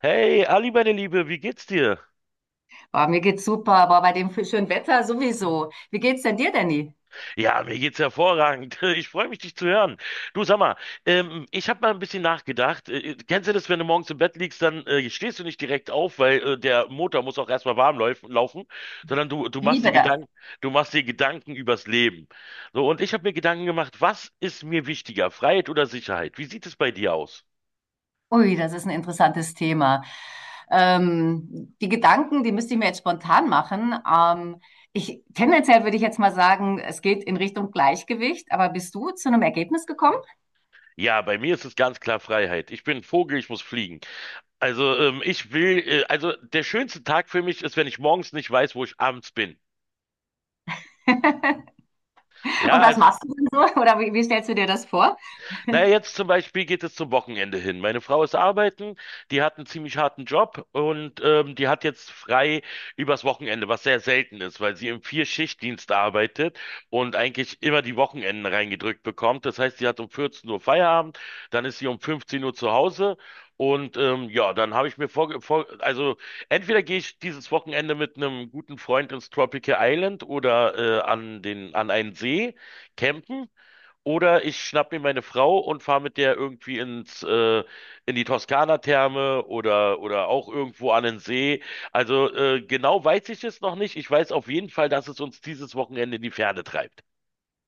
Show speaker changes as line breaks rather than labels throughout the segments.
Hey, Ali, meine Liebe, wie geht's dir?
Oh, mir geht's super, aber bei dem schönen Wetter sowieso. Wie geht's denn dir, Danny?
Ja, mir geht's hervorragend. Ich freue mich, dich zu hören. Du, sag mal, ich habe mal ein bisschen nachgedacht. Kennst du das, wenn du morgens im Bett liegst, dann stehst du nicht direkt auf, weil der Motor muss auch erstmal warm läuf laufen, sondern du machst dir
Liebe das.
Gedanken, du machst dir Gedanken übers Leben. So, und ich habe mir Gedanken gemacht, was ist mir wichtiger, Freiheit oder Sicherheit? Wie sieht es bei dir aus?
Ui, das ist ein interessantes Thema. Die Gedanken, die müsste ich mir jetzt spontan machen. Ich, tendenziell würde ich jetzt mal sagen, es geht in Richtung Gleichgewicht, aber bist du zu einem Ergebnis gekommen?
Ja, bei mir ist es ganz klar Freiheit. Ich bin ein Vogel, ich muss fliegen. Also ich will, also der schönste Tag für mich ist, wenn ich morgens nicht weiß, wo ich abends bin. Ja,
Und was
also
machst du denn so? Oder wie stellst du dir das vor?
naja, jetzt zum Beispiel geht es zum Wochenende hin. Meine Frau ist arbeiten, die hat einen ziemlich harten Job und die hat jetzt frei übers Wochenende, was sehr selten ist, weil sie im Vier-Schicht-Dienst arbeitet und eigentlich immer die Wochenenden reingedrückt bekommt. Das heißt, sie hat um 14 Uhr Feierabend, dann ist sie um 15 Uhr zu Hause. Und ja, dann habe ich mir also entweder gehe ich dieses Wochenende mit einem guten Freund ins Tropical Island oder an an einen See campen. Oder ich schnapp mir meine Frau und fahre mit der irgendwie in die Toskana-Therme oder auch irgendwo an den See. Also genau weiß ich es noch nicht. Ich weiß auf jeden Fall, dass es uns dieses Wochenende in die Ferne treibt.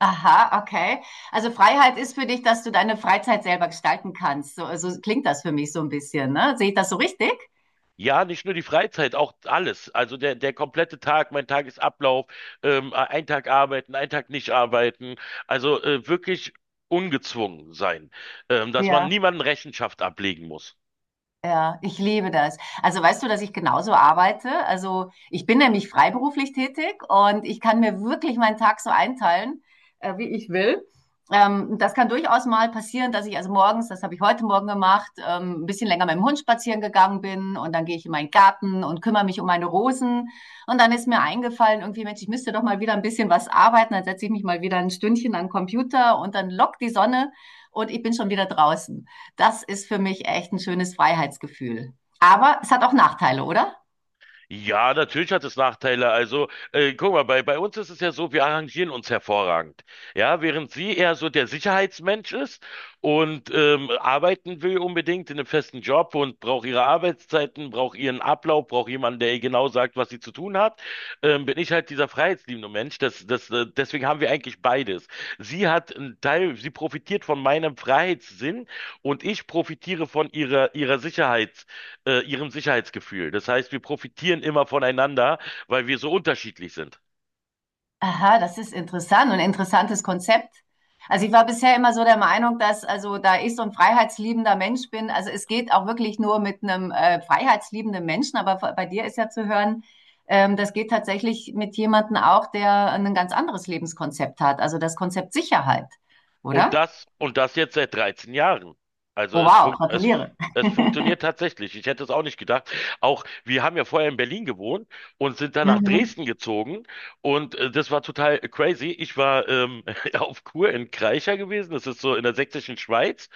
Aha, okay. Also Freiheit ist für dich, dass du deine Freizeit selber gestalten kannst. So, so klingt das für mich so ein bisschen, ne? Sehe ich das so richtig?
Ja, nicht nur die Freizeit, auch alles. Also der komplette Tag, mein Tagesablauf, ein Tag arbeiten, ein Tag nicht arbeiten. Also wirklich ungezwungen sein, dass man
Ja.
niemanden Rechenschaft ablegen muss.
Ja, ich liebe das. Also weißt du, dass ich genauso arbeite? Also ich bin nämlich freiberuflich tätig und ich kann mir wirklich meinen Tag so einteilen, wie ich will. Das kann durchaus mal passieren, dass ich also morgens, das habe ich heute Morgen gemacht, ein bisschen länger mit dem Hund spazieren gegangen bin und dann gehe ich in meinen Garten und kümmere mich um meine Rosen. Und dann ist mir eingefallen, irgendwie, Mensch, ich müsste doch mal wieder ein bisschen was arbeiten. Dann setze ich mich mal wieder ein Stündchen an den Computer und dann lockt die Sonne und ich bin schon wieder draußen. Das ist für mich echt ein schönes Freiheitsgefühl. Aber es hat auch Nachteile, oder?
Ja, natürlich hat es Nachteile. Also, guck mal, bei uns ist es ja so, wir arrangieren uns hervorragend. Ja, während sie eher so der Sicherheitsmensch ist und arbeiten will unbedingt in einem festen Job und braucht ihre Arbeitszeiten, braucht ihren Ablauf, braucht jemanden, der ihr genau sagt, was sie zu tun hat, bin ich halt dieser freiheitsliebende Mensch. Deswegen haben wir eigentlich beides. Sie hat einen Teil, sie profitiert von meinem Freiheitssinn und ich profitiere von ihrer Sicherheit ihrem Sicherheitsgefühl. Das heißt, wir profitieren immer voneinander, weil wir so unterschiedlich sind.
Aha, das ist interessant und ein interessantes Konzept. Also ich war bisher immer so der Meinung, dass also da ich so ein freiheitsliebender Mensch bin, also es geht auch wirklich nur mit einem freiheitsliebenden Menschen, aber bei dir ist ja zu hören, das geht tatsächlich mit jemandem auch, der ein ganz anderes Lebenskonzept hat, also das Konzept Sicherheit,
Und
oder?
das jetzt seit 13 Jahren. Also
Oh
es,
wow,
fun es,
gratuliere.
es funktioniert tatsächlich. Ich hätte es auch nicht gedacht. Auch wir haben ja vorher in Berlin gewohnt und sind dann nach
Mhm.
Dresden gezogen. Und das war total crazy. Ich war auf Kur in Kreischer gewesen. Das ist so in der sächsischen Schweiz.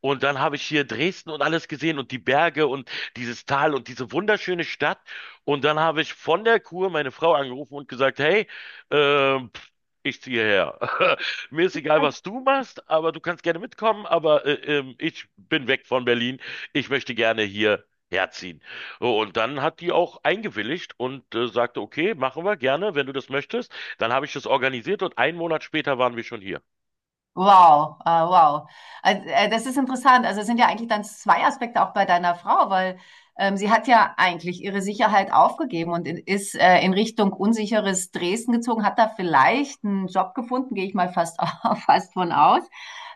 Und dann habe ich hier Dresden und alles gesehen und die Berge und dieses Tal und diese wunderschöne Stadt. Und dann habe ich von der Kur meine Frau angerufen und gesagt, hey, ähm, pff, ich ziehe her. Mir ist egal, was du machst, aber du kannst gerne mitkommen, aber ich bin weg von Berlin. Ich möchte gerne hier herziehen. So, und dann hat die auch eingewilligt und sagte, okay, machen wir gerne, wenn du das möchtest. Dann habe ich das organisiert und einen Monat später waren wir schon hier.
Wow, wow. Also, das ist interessant. Also es sind ja eigentlich dann zwei Aspekte auch bei deiner Frau, weil sie hat ja eigentlich ihre Sicherheit aufgegeben und ist in Richtung unsicheres Dresden gezogen, hat da vielleicht einen Job gefunden, gehe ich mal fast, fast von aus.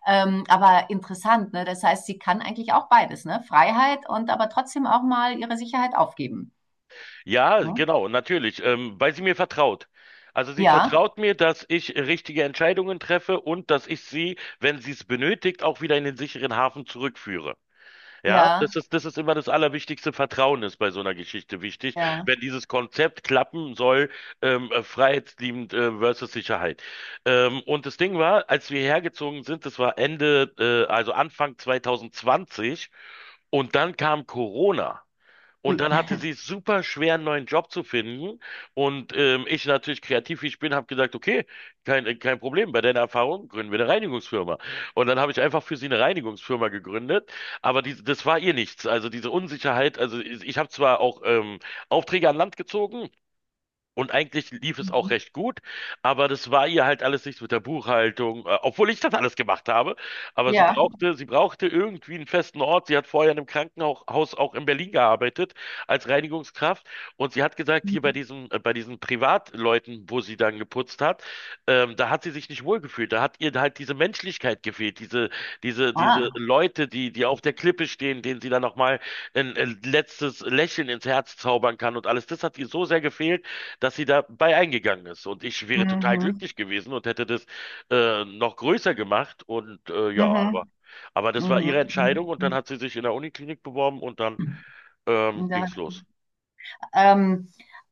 Aber interessant, ne? Das heißt, sie kann eigentlich auch beides, ne? Freiheit und aber trotzdem auch mal ihre Sicherheit aufgeben.
Ja,
Ne?
genau, natürlich, weil sie mir vertraut. Also sie
Ja,
vertraut mir, dass ich richtige Entscheidungen treffe und dass ich sie, wenn sie es benötigt, auch wieder in den sicheren Hafen zurückführe. Ja,
ja,
das ist immer das Allerwichtigste. Vertrauen ist bei so einer Geschichte wichtig,
ja.
wenn dieses Konzept klappen soll, freiheitsliebend, versus Sicherheit. Und das Ding war, als wir hergezogen sind, das war also Anfang 2020 und dann kam Corona. Und
Ui.
dann hatte sie es super schwer, einen neuen Job zu finden. Und ich natürlich kreativ, wie ich bin, habe gesagt, okay, kein Problem, bei deiner Erfahrung gründen wir eine Reinigungsfirma. Und dann habe ich einfach für sie eine Reinigungsfirma gegründet. Aber die, das war ihr nichts. Also diese Unsicherheit, also ich habe zwar auch Aufträge an Land gezogen, und eigentlich lief es auch
Mhm.
recht gut, aber das war ihr halt alles nichts mit der Buchhaltung, obwohl ich das alles gemacht habe. Aber
Ja.
sie brauchte irgendwie einen festen Ort. Sie hat vorher in einem Krankenhaus auch in Berlin gearbeitet als Reinigungskraft und sie hat gesagt, hier bei
Mhm.
bei diesen Privatleuten, wo sie dann geputzt hat, da hat sie sich nicht wohlgefühlt. Da hat ihr halt diese Menschlichkeit gefehlt, diese
Ah.
Leute, die auf der Klippe stehen, denen sie dann nochmal ein letztes Lächeln ins Herz zaubern kann und alles. Das hat ihr so sehr gefehlt, dass sie dabei eingegangen ist. Und ich wäre total
Mhm.
glücklich gewesen und hätte das noch größer gemacht. Und ja,
Mhm.
aber das war
Mhm.
ihre
Mhm.
Entscheidung und dann
Mhm.
hat sie sich in der Uniklinik beworben und dann
Ja,
ging's los.
ähm,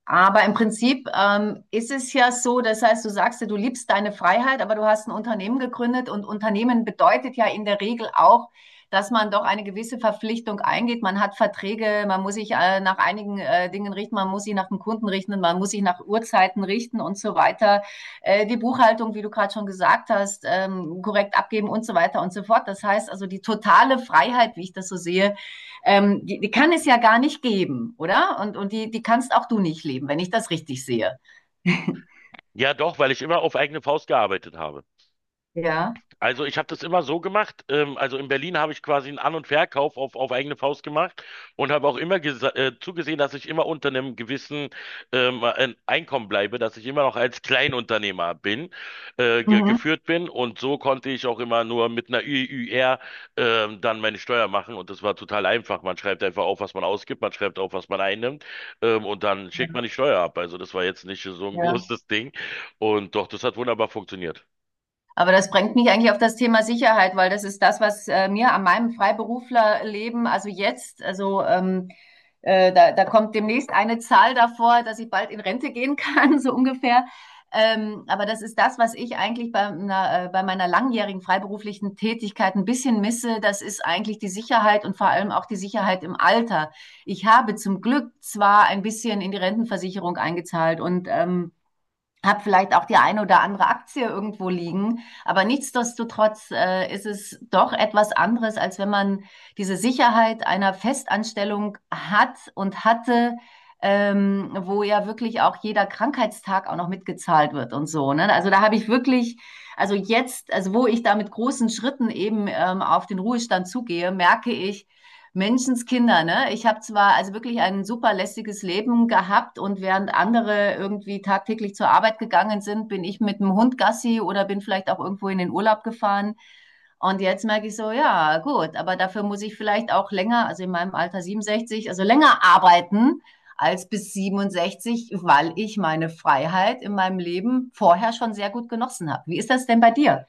aber im Prinzip ist es ja so, das heißt, du sagst ja, du liebst deine Freiheit, aber du hast ein Unternehmen gegründet und Unternehmen bedeutet ja in der Regel auch, dass man doch eine gewisse Verpflichtung eingeht. Man hat Verträge, man muss sich nach einigen Dingen richten, man muss sich nach dem Kunden richten, man muss sich nach Uhrzeiten richten und so weiter. Die Buchhaltung, wie du gerade schon gesagt hast, korrekt abgeben und so weiter und so fort. Das heißt also, die totale Freiheit, wie ich das so sehe, die kann es ja gar nicht geben, oder? Und die kannst auch du nicht leben, wenn ich das richtig sehe.
Ja, doch, weil ich immer auf eigene Faust gearbeitet habe.
Ja.
Also ich habe das immer so gemacht. Also in Berlin habe ich quasi einen An- und Verkauf auf eigene Faust gemacht und habe auch immer zugesehen, dass ich immer unter einem gewissen ein Einkommen bleibe, dass ich immer noch als Kleinunternehmer bin, ge
Mhm.
geführt bin. Und so konnte ich auch immer nur mit einer ÜÜR dann meine Steuer machen. Und das war total einfach. Man schreibt einfach auf, was man ausgibt, man schreibt auf, was man einnimmt, und dann
Ja,
schickt man die Steuer ab. Also das war jetzt nicht so ein
ja.
großes Ding. Und doch, das hat wunderbar funktioniert.
Aber das bringt mich eigentlich auf das Thema Sicherheit, weil das ist das, was mir an meinem Freiberuflerleben, also jetzt, also da kommt demnächst eine Zahl davor, dass ich bald in Rente gehen kann, so ungefähr. Aber das ist das, was ich eigentlich bei meiner langjährigen freiberuflichen Tätigkeit ein bisschen misse. Das ist eigentlich die Sicherheit und vor allem auch die Sicherheit im Alter. Ich habe zum Glück zwar ein bisschen in die Rentenversicherung eingezahlt und habe vielleicht auch die eine oder andere Aktie irgendwo liegen. Aber nichtsdestotrotz ist es doch etwas anderes, als wenn man diese Sicherheit einer Festanstellung hat und hatte, wo ja wirklich auch jeder Krankheitstag auch noch mitgezahlt wird und so. Ne? Also da habe ich wirklich, also jetzt, also wo ich da mit großen Schritten eben auf den Ruhestand zugehe, merke ich, Menschenskinder, ne? Ich habe zwar also wirklich ein super lässiges Leben gehabt und während andere irgendwie tagtäglich zur Arbeit gegangen sind, bin ich mit dem Hund Gassi oder bin vielleicht auch irgendwo in den Urlaub gefahren. Und jetzt merke ich so, ja, gut, aber dafür muss ich vielleicht auch länger, also in meinem Alter 67, also länger arbeiten als bis 67, weil ich meine Freiheit in meinem Leben vorher schon sehr gut genossen habe. Wie ist das denn bei dir?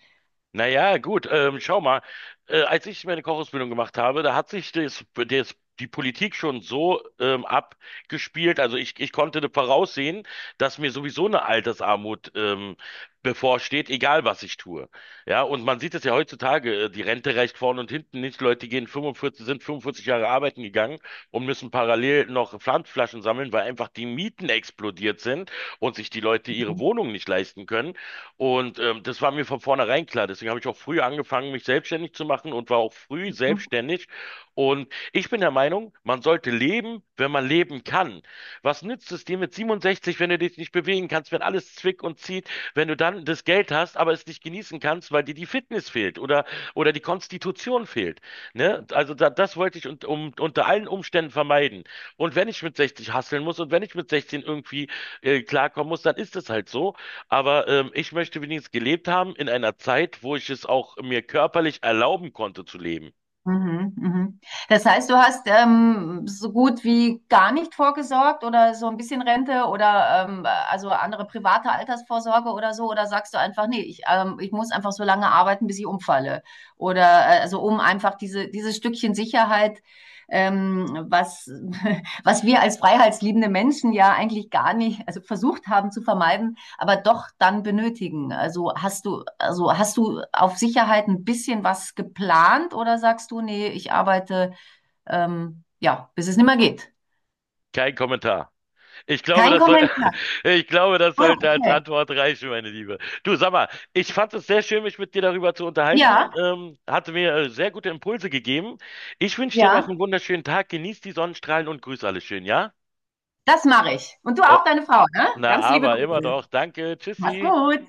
Naja, gut, schau mal. Als ich meine Kochausbildung gemacht habe, da hat sich die Politik schon so abgespielt. Also ich konnte da voraussehen, dass mir sowieso eine Altersarmut bevorsteht, egal was ich tue. Ja, und man sieht es ja heutzutage, die Rente reicht vorne und hinten nicht. Leute gehen 45, sind 45 Jahre arbeiten gegangen und müssen parallel noch Pfandflaschen sammeln, weil einfach die Mieten explodiert sind und sich die Leute ihre Wohnung nicht leisten können. Und das war mir von vornherein klar. Deswegen habe ich auch früh angefangen, mich selbstständig zu machen und war auch früh selbstständig. Und ich bin der Meinung, man sollte leben, wenn man leben kann. Was nützt es dir mit 67, wenn du dich nicht bewegen kannst, wenn alles zwickt und zieht, wenn du dann das Geld hast, aber es nicht genießen kannst, weil dir die Fitness fehlt oder die Konstitution fehlt. Ne? Also da, das wollte ich und, um, unter allen Umständen vermeiden. Und wenn ich mit 60 hasseln muss und wenn ich mit 16 irgendwie klarkommen muss, dann ist es halt so. Aber ich möchte wenigstens gelebt haben in einer Zeit, wo ich es auch mir körperlich erlauben konnte zu leben.
Mhm, mhm. Das heißt, du hast so gut wie gar nicht vorgesorgt oder so ein bisschen Rente oder also andere private Altersvorsorge oder so, oder sagst du einfach, nee, ich muss einfach so lange arbeiten, bis ich umfalle. Oder also um einfach dieses Stückchen Sicherheit, ähm, was, was wir als freiheitsliebende Menschen ja eigentlich gar nicht, also versucht haben zu vermeiden, aber doch dann benötigen. Also hast du auf Sicherheit ein bisschen was geplant oder sagst du, nee, ich arbeite ja, bis es nicht mehr geht?
Kein Kommentar. Ich glaube,
Kein
das soll,
Kommentar.
ich glaube, das
Ah,
sollte als
okay.
Antwort reichen, meine Liebe. Du, sag mal, ich fand es sehr schön, mich mit dir darüber zu unterhalten.
Ja,
Hatte mir sehr gute Impulse gegeben. Ich wünsche dir noch
ja,
einen wunderschönen Tag. Genieß die Sonnenstrahlen und grüß alle schön, ja?
das mache ich. Und du
Oh,
auch deine Frau, ne?
na,
Ganz liebe
aber immer
Grüße.
doch. Danke.
Mach's
Tschüssi.
gut.